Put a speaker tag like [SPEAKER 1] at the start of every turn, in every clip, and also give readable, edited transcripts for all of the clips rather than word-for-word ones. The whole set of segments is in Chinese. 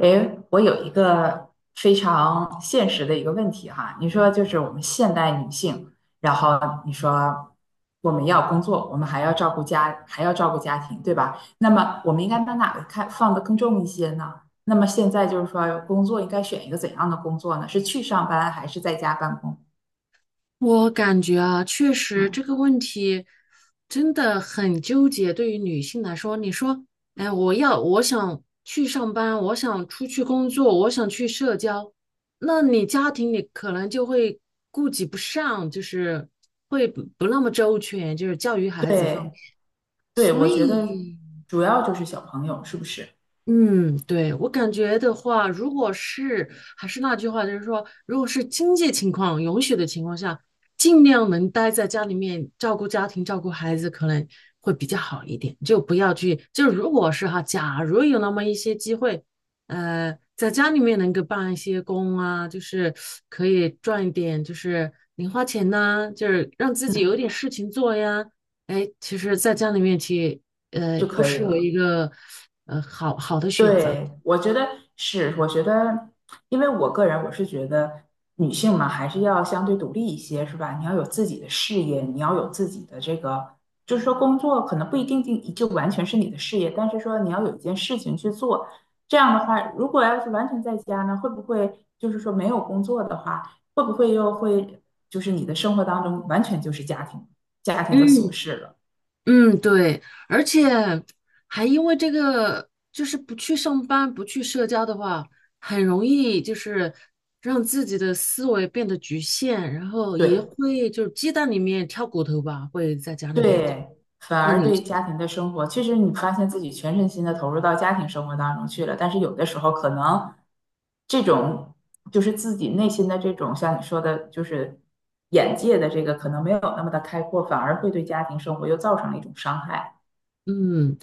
[SPEAKER 1] 诶，我有一个非常现实的一个问题哈，你说就是我们现代女性，然后你说我们要工作，我们还要照顾家，还要照顾家庭，对吧？那么我们应该把哪个看放得更重一些呢？那么现在就是说，工作应该选一个怎样的工作呢？是去上班还是在家办公？
[SPEAKER 2] 我感觉啊，确实这
[SPEAKER 1] 嗯，
[SPEAKER 2] 个问题真的很纠结。对于女性来说，你说，哎，我要，我想去上班，我想出去工作，我想去社交，那你家庭里可能就会顾及不上，就是会不那么周全，就是教育孩子方
[SPEAKER 1] 对
[SPEAKER 2] 面。
[SPEAKER 1] 对，
[SPEAKER 2] 所
[SPEAKER 1] 我觉得
[SPEAKER 2] 以，
[SPEAKER 1] 主要就是小朋友是不是？
[SPEAKER 2] 嗯，对，我感觉的话，如果是还是那句话，就是说，如果是经济情况允许的情况下，尽量能待在家里面照顾家庭、照顾孩子，可能会比较好一点。就不要去，就如果是哈，假如有那么一些机会，在家里面能够办一些工啊，就是可以赚一点，就是零花钱呐、就是让自己有
[SPEAKER 1] 嗯，
[SPEAKER 2] 点事情做呀。哎，其实在家里面去。呃，
[SPEAKER 1] 就
[SPEAKER 2] 不
[SPEAKER 1] 可以
[SPEAKER 2] 失为
[SPEAKER 1] 了。
[SPEAKER 2] 一个呃好好的选择。
[SPEAKER 1] 对，我觉得是，我觉得，因为我个人我是觉得女性嘛，还是要相对独立一些，是吧？你要有自己的事业，你要有自己的这个，就是说工作可能不一定就完全是你的事业，但是说你要有一件事情去做。这样的话，如果要是完全在家呢，会不会就是说没有工作的话，会不会又会就是你的生活当中完全就是家庭，家庭的琐
[SPEAKER 2] 嗯
[SPEAKER 1] 事了？
[SPEAKER 2] 嗯，对，而且还因为这个，就是不去上班、不去社交的话，很容易就是让自己的思维变得局限，然后也
[SPEAKER 1] 对，
[SPEAKER 2] 会就是鸡蛋里面挑骨头吧，会在家里面
[SPEAKER 1] 对，反
[SPEAKER 2] 钻
[SPEAKER 1] 而
[SPEAKER 2] 牛
[SPEAKER 1] 对
[SPEAKER 2] 角。
[SPEAKER 1] 家庭的生活，其实你发现自己全身心的投入到家庭生活当中去了，但是有的时候可能这种就是自己内心的这种，像你说的，就是眼界的这个可能没有那么的开阔，反而会对家庭生活又造成了一种伤害，
[SPEAKER 2] 嗯，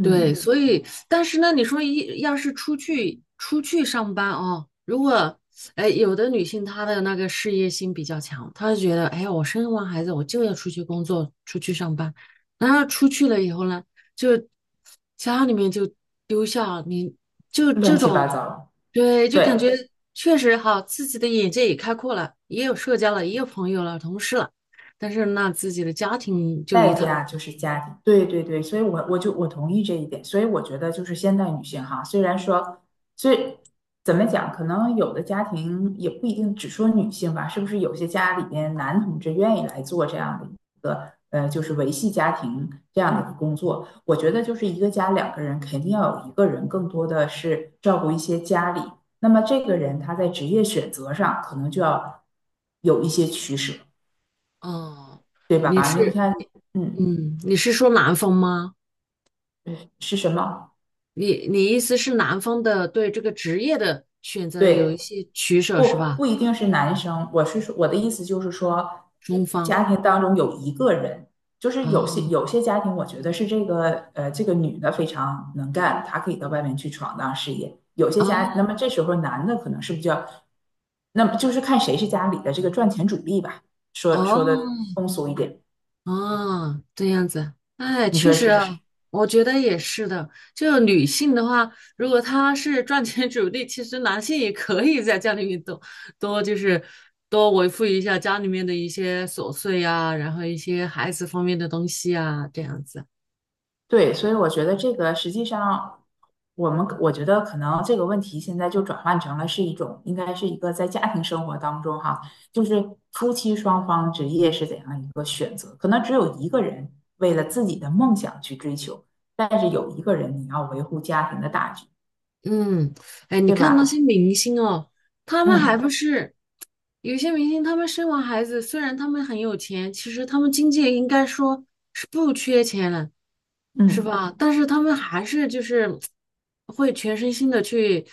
[SPEAKER 2] 对，嗯所以，但是呢，你说一要是出去上班哦，如果，哎，有的女性她的那个事业心比较强，她就觉得，哎呀，我生完孩子我就要出去工作，出去上班，然后出去了以后呢，就家里面就丢下你，就这
[SPEAKER 1] 乱
[SPEAKER 2] 啊
[SPEAKER 1] 七八
[SPEAKER 2] 种，
[SPEAKER 1] 糟，
[SPEAKER 2] 对，就感
[SPEAKER 1] 对。
[SPEAKER 2] 觉确实哈，自己的眼界也开阔了，也有社交了，也有朋友了，同事了，但是那自己的家庭就一
[SPEAKER 1] 代
[SPEAKER 2] 塌。
[SPEAKER 1] 价就是家庭，对对对，所以我就我同意这一点，所以我觉得就是现代女性哈，虽然说，所以怎么讲，可能有的家庭也不一定只说女性吧，是不是有些家里边男同志愿意来做这样的一个就是维系家庭这样的一个工作？我觉得就是一个家两个人肯定要有一个人更多的是照顾一些家里，那么这个人他在职业选择上可能就要有一些取舍，
[SPEAKER 2] 哦，
[SPEAKER 1] 对吧？
[SPEAKER 2] 你
[SPEAKER 1] 那你
[SPEAKER 2] 是
[SPEAKER 1] 看，
[SPEAKER 2] 你，
[SPEAKER 1] 嗯。
[SPEAKER 2] 嗯，你是说男方吗？
[SPEAKER 1] 嗯是是什么？
[SPEAKER 2] 你意思是男方的对这个职业的选择有一
[SPEAKER 1] 对，
[SPEAKER 2] 些取舍是
[SPEAKER 1] 不
[SPEAKER 2] 吧？
[SPEAKER 1] 不一定是男生。我是说，我的意思就是说，
[SPEAKER 2] 中方，
[SPEAKER 1] 家庭当中有一个人，就是
[SPEAKER 2] 哦
[SPEAKER 1] 有些家庭，我觉得是这个这个女的非常能干，她可以到外面去闯荡事业。有些家，
[SPEAKER 2] 哦
[SPEAKER 1] 那么这时候男的可能是比较，那么就是看谁是家里的这个赚钱主力吧。
[SPEAKER 2] 哦
[SPEAKER 1] 说的通俗一点，
[SPEAKER 2] 哦，这样子，哎，
[SPEAKER 1] 你
[SPEAKER 2] 确
[SPEAKER 1] 说
[SPEAKER 2] 实
[SPEAKER 1] 是不是？
[SPEAKER 2] 啊，我觉得也是的。就女性的话，如果她是赚钱主力，其实男性也可以在家里面多就是多维护一下家里面的一些琐碎呀、然后一些孩子方面的东西啊，这样子。
[SPEAKER 1] 对，所以我觉得这个实际上，我觉得可能这个问题现在就转换成了是一种，应该是一个在家庭生活当中哈，就是夫妻双方职业是怎样一个选择，可能只有一个人为了自己的梦想去追求，但是有一个人你要维护家庭的大局，
[SPEAKER 2] 嗯，哎，你
[SPEAKER 1] 对
[SPEAKER 2] 看那些
[SPEAKER 1] 吧？
[SPEAKER 2] 明星哦，他们还
[SPEAKER 1] 嗯
[SPEAKER 2] 不是有些明星，他们生完孩子，虽然他们很有钱，其实他们经济应该说是不缺钱了，是
[SPEAKER 1] 嗯，
[SPEAKER 2] 吧？但是他们还是就是会全身心的去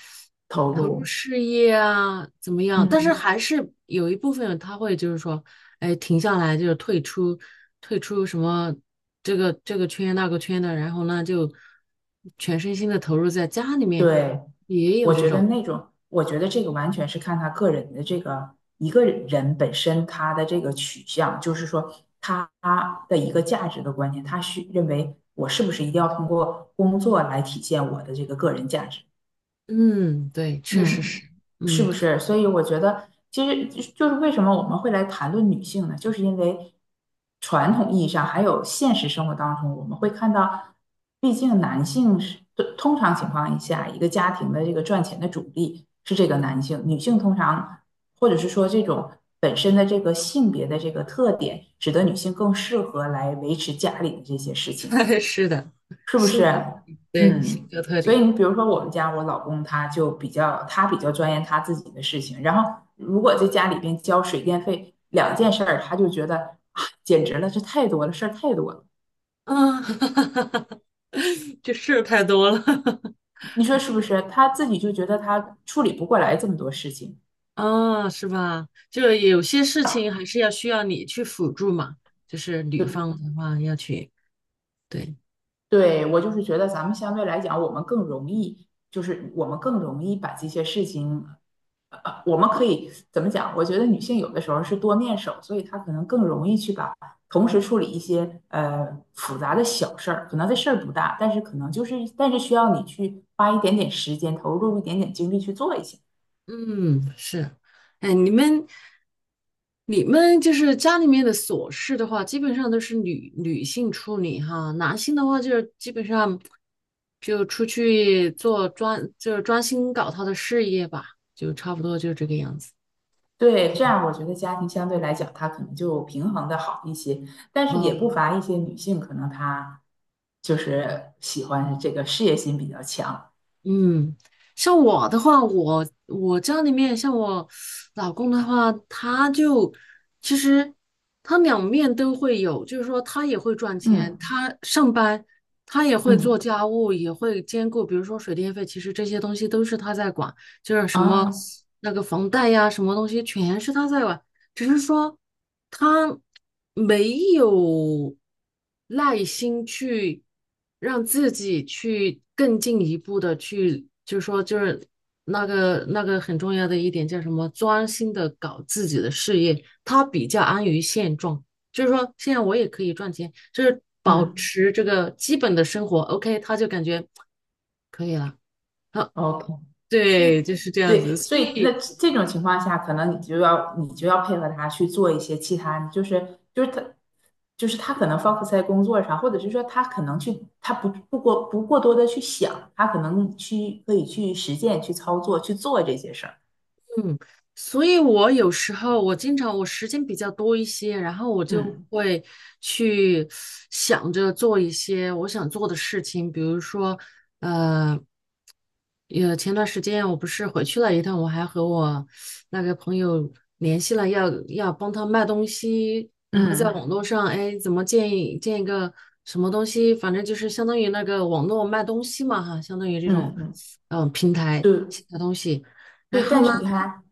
[SPEAKER 1] 投
[SPEAKER 2] 投入
[SPEAKER 1] 入，
[SPEAKER 2] 事业啊，怎么样？但是
[SPEAKER 1] 嗯。
[SPEAKER 2] 还是有一部分他会就是说，哎，停下来就是退出，退出这个圈那个圈的，然后呢就全身心的投入在家里面，
[SPEAKER 1] 对，
[SPEAKER 2] 也有
[SPEAKER 1] 我
[SPEAKER 2] 这
[SPEAKER 1] 觉得
[SPEAKER 2] 种。
[SPEAKER 1] 那种，我觉得这个完全是看他个人的这个一个人本身他的这个取向，就是说他的一个价值的观念，他需认为我是不是一定要通过工作来体现我的这个个人价值？
[SPEAKER 2] 嗯，对，确实
[SPEAKER 1] 嗯，
[SPEAKER 2] 是，
[SPEAKER 1] 是
[SPEAKER 2] 嗯，
[SPEAKER 1] 不是？所以我觉得，其实就是为什么我们会来谈论女性呢？就是因为传统意义上，还有现实生活当中，我们会看到，毕竟男性是通常情况下，一个家庭的这个赚钱的主力是这个男性，女性通常或者是说这种本身的这个性别的这个特点，使得女性更适合来维持家里的这些事情。
[SPEAKER 2] 是的，
[SPEAKER 1] 是不
[SPEAKER 2] 性
[SPEAKER 1] 是？
[SPEAKER 2] 格，对，性
[SPEAKER 1] 嗯，
[SPEAKER 2] 格特
[SPEAKER 1] 所以
[SPEAKER 2] 点，
[SPEAKER 1] 你比如说我们家我老公他就比较他比较钻研他自己的事情，然后如果在家里边交水电费两件事儿，他就觉得啊，简直了，这太多了，事儿太多了，
[SPEAKER 2] 啊，就事儿太多了，
[SPEAKER 1] 你说是不是？他自己就觉得他处理不过来这么多事情。
[SPEAKER 2] 啊，是吧？就是有些事情还是要需要你去辅助嘛，就是女
[SPEAKER 1] 对，
[SPEAKER 2] 方的话要去，对，
[SPEAKER 1] 对，我就是觉得咱们相对来讲，我们更容易把这些事情我们可以怎么讲？我觉得女性有的时候是多面手，所以她可能更容易去把同时处理一些复杂的小事儿，可能这事儿不大，但是可能就是但是需要你去花一点点时间，投入一点点精力去做一些。
[SPEAKER 2] 嗯，是，哎，你们就是家里面的琐事的话，基本上都是女性处理哈，男性的话就是基本上就出去做专，就是专心搞他的事业吧，就差不多就这个样子。
[SPEAKER 1] 对，这样我觉得家庭相对来讲，它可能就平衡的好一些，但是也不乏一些女性，可能她就是喜欢这个事业心比较强。
[SPEAKER 2] 嗯，像我的话，我家里面像我老公的话，其实他两面都会有，就是说他也会赚钱，
[SPEAKER 1] 嗯
[SPEAKER 2] 他上班，他也会做
[SPEAKER 1] 嗯
[SPEAKER 2] 家务，也会兼顾，比如说水电费，其实这些东西都是他在管。就是什么
[SPEAKER 1] 啊
[SPEAKER 2] 那个房贷呀，什么东西全是他在管，只是说他没有耐心去让自己去更进一步的去，就是说那个很重要的一点叫什么，专心的搞自己的事业，他比较安于现状，就是说现在我也可以赚钱，就是保
[SPEAKER 1] 嗯
[SPEAKER 2] 持这个基本的生活，OK,他就感觉可以了。好，
[SPEAKER 1] ，OK。
[SPEAKER 2] 对，就是这样子，
[SPEAKER 1] 对，所
[SPEAKER 2] 所
[SPEAKER 1] 以那
[SPEAKER 2] 以。
[SPEAKER 1] 这种情况下，可能你就要配合他去做一些其他，就是他他可能 focus 在工作上，或者是说他可能去他不过多的去想，他可能去可以去实践、去操作、去做这些事儿。
[SPEAKER 2] 嗯，所以我有时候我经常我时间比较多一些，然后我就
[SPEAKER 1] 嗯
[SPEAKER 2] 会去想着做一些我想做的事情，比如说，呃，有前段时间我不是回去了一趟，我还和我那个朋友联系了要，要帮他卖东西，然后在
[SPEAKER 1] 嗯
[SPEAKER 2] 网络上，哎，怎么建议建一个什么东西，反正就是相当于那个网络卖东西嘛，哈，相当于这种，
[SPEAKER 1] 嗯嗯，
[SPEAKER 2] 平台
[SPEAKER 1] 对
[SPEAKER 2] 写的东西，然
[SPEAKER 1] 对。
[SPEAKER 2] 后
[SPEAKER 1] 但
[SPEAKER 2] 呢，
[SPEAKER 1] 是你看，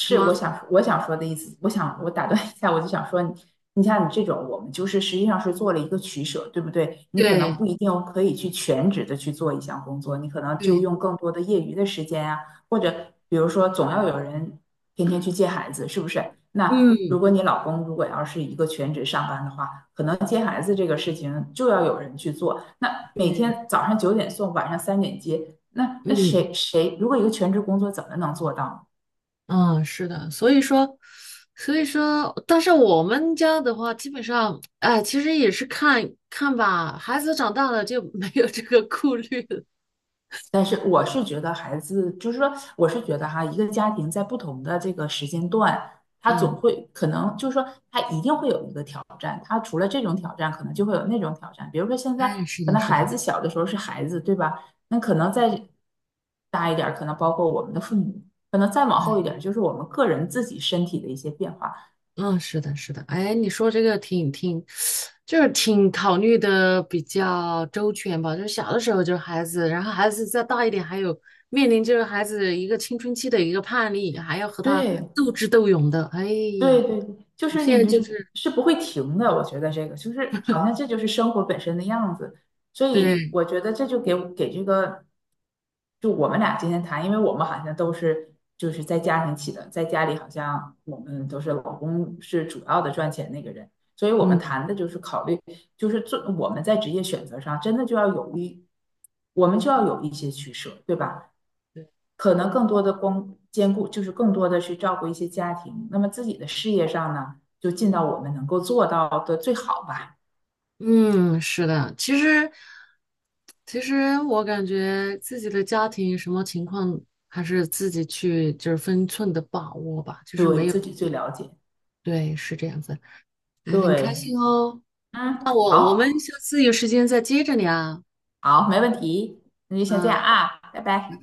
[SPEAKER 2] 什么？
[SPEAKER 1] 我想说的意思，我想我打断一下，我就想说你，你像你这种，我们就是实际上是做了一个取舍，对不对？你可能
[SPEAKER 2] 对
[SPEAKER 1] 不一定可以去全职的去做一项工作，你可能就
[SPEAKER 2] 对，
[SPEAKER 1] 用更多的业余的时间啊，或者比如说总要有人天天去接孩子，是不是？那如
[SPEAKER 2] 嗯
[SPEAKER 1] 果你老公如果要是一个全职上班的话，可能接孩子这个事情就要有人去做，那每
[SPEAKER 2] 对，
[SPEAKER 1] 天早上9点送，晚上3点接，那那
[SPEAKER 2] 嗯
[SPEAKER 1] 谁谁如果一个全职工作怎么能做到呢？
[SPEAKER 2] 嗯，是的，所以说，所以说，但是我们家的话，基本上，哎，其实也是看看吧，孩子长大了就没有这个顾虑了。
[SPEAKER 1] 但是我是觉得孩子，就是说，我是觉得哈，一个家庭在不同的这个时间段，他总
[SPEAKER 2] 嗯，
[SPEAKER 1] 会可能就是说，他一定会有一个挑战。他除了这种挑战，可能就会有那种挑战。比如说现在
[SPEAKER 2] 哎，是
[SPEAKER 1] 可
[SPEAKER 2] 的，
[SPEAKER 1] 能
[SPEAKER 2] 是
[SPEAKER 1] 孩
[SPEAKER 2] 的，
[SPEAKER 1] 子小的时候是孩子，对吧？那可能再大一点儿可能包括我们的父母，可能再往后一点儿
[SPEAKER 2] 哎。
[SPEAKER 1] 就是我们个人自己身体的一些变化。
[SPEAKER 2] 嗯，是的，是的，哎，你说这个就是挺考虑的比较周全吧。就是小的时候就是孩子，然后孩子再大一点，还有面临就是孩子一个青春期的一个叛逆，还要和他
[SPEAKER 1] 对，
[SPEAKER 2] 斗智斗勇的。哎
[SPEAKER 1] 对
[SPEAKER 2] 呀，
[SPEAKER 1] 对对，就
[SPEAKER 2] 我
[SPEAKER 1] 是
[SPEAKER 2] 现
[SPEAKER 1] 你
[SPEAKER 2] 在
[SPEAKER 1] 这
[SPEAKER 2] 就
[SPEAKER 1] 是
[SPEAKER 2] 是
[SPEAKER 1] 是不会停的，我觉得这个就是好像这就是生活本身的样子，所以
[SPEAKER 2] 对，
[SPEAKER 1] 我觉得这就给这个，就我们俩今天谈，因为我们好像都是就是在家庭起的，在家里好像我们都是老公是主要的赚钱那个人，所以我们
[SPEAKER 2] 嗯
[SPEAKER 1] 谈的就是考虑，就是做我们在职业选择上真的就要有一，我们就要有一些取舍，对吧？可能更多的光兼顾，就是更多的去照顾一些家庭。那么自己的事业上呢，就尽到我们能够做到的最好吧，
[SPEAKER 2] 嗯，是的。其实我感觉自己的家庭什么情况，还是自己去就是分寸的把握吧，就是没
[SPEAKER 1] 对
[SPEAKER 2] 有，
[SPEAKER 1] 自己最了解。
[SPEAKER 2] 对，是这样子。嗯，很开
[SPEAKER 1] 对，
[SPEAKER 2] 心哦。那
[SPEAKER 1] 嗯，
[SPEAKER 2] 我们
[SPEAKER 1] 好，
[SPEAKER 2] 下次有时间再接着聊。
[SPEAKER 1] 好，没问题，那就先这样
[SPEAKER 2] 啊。
[SPEAKER 1] 啊，拜拜。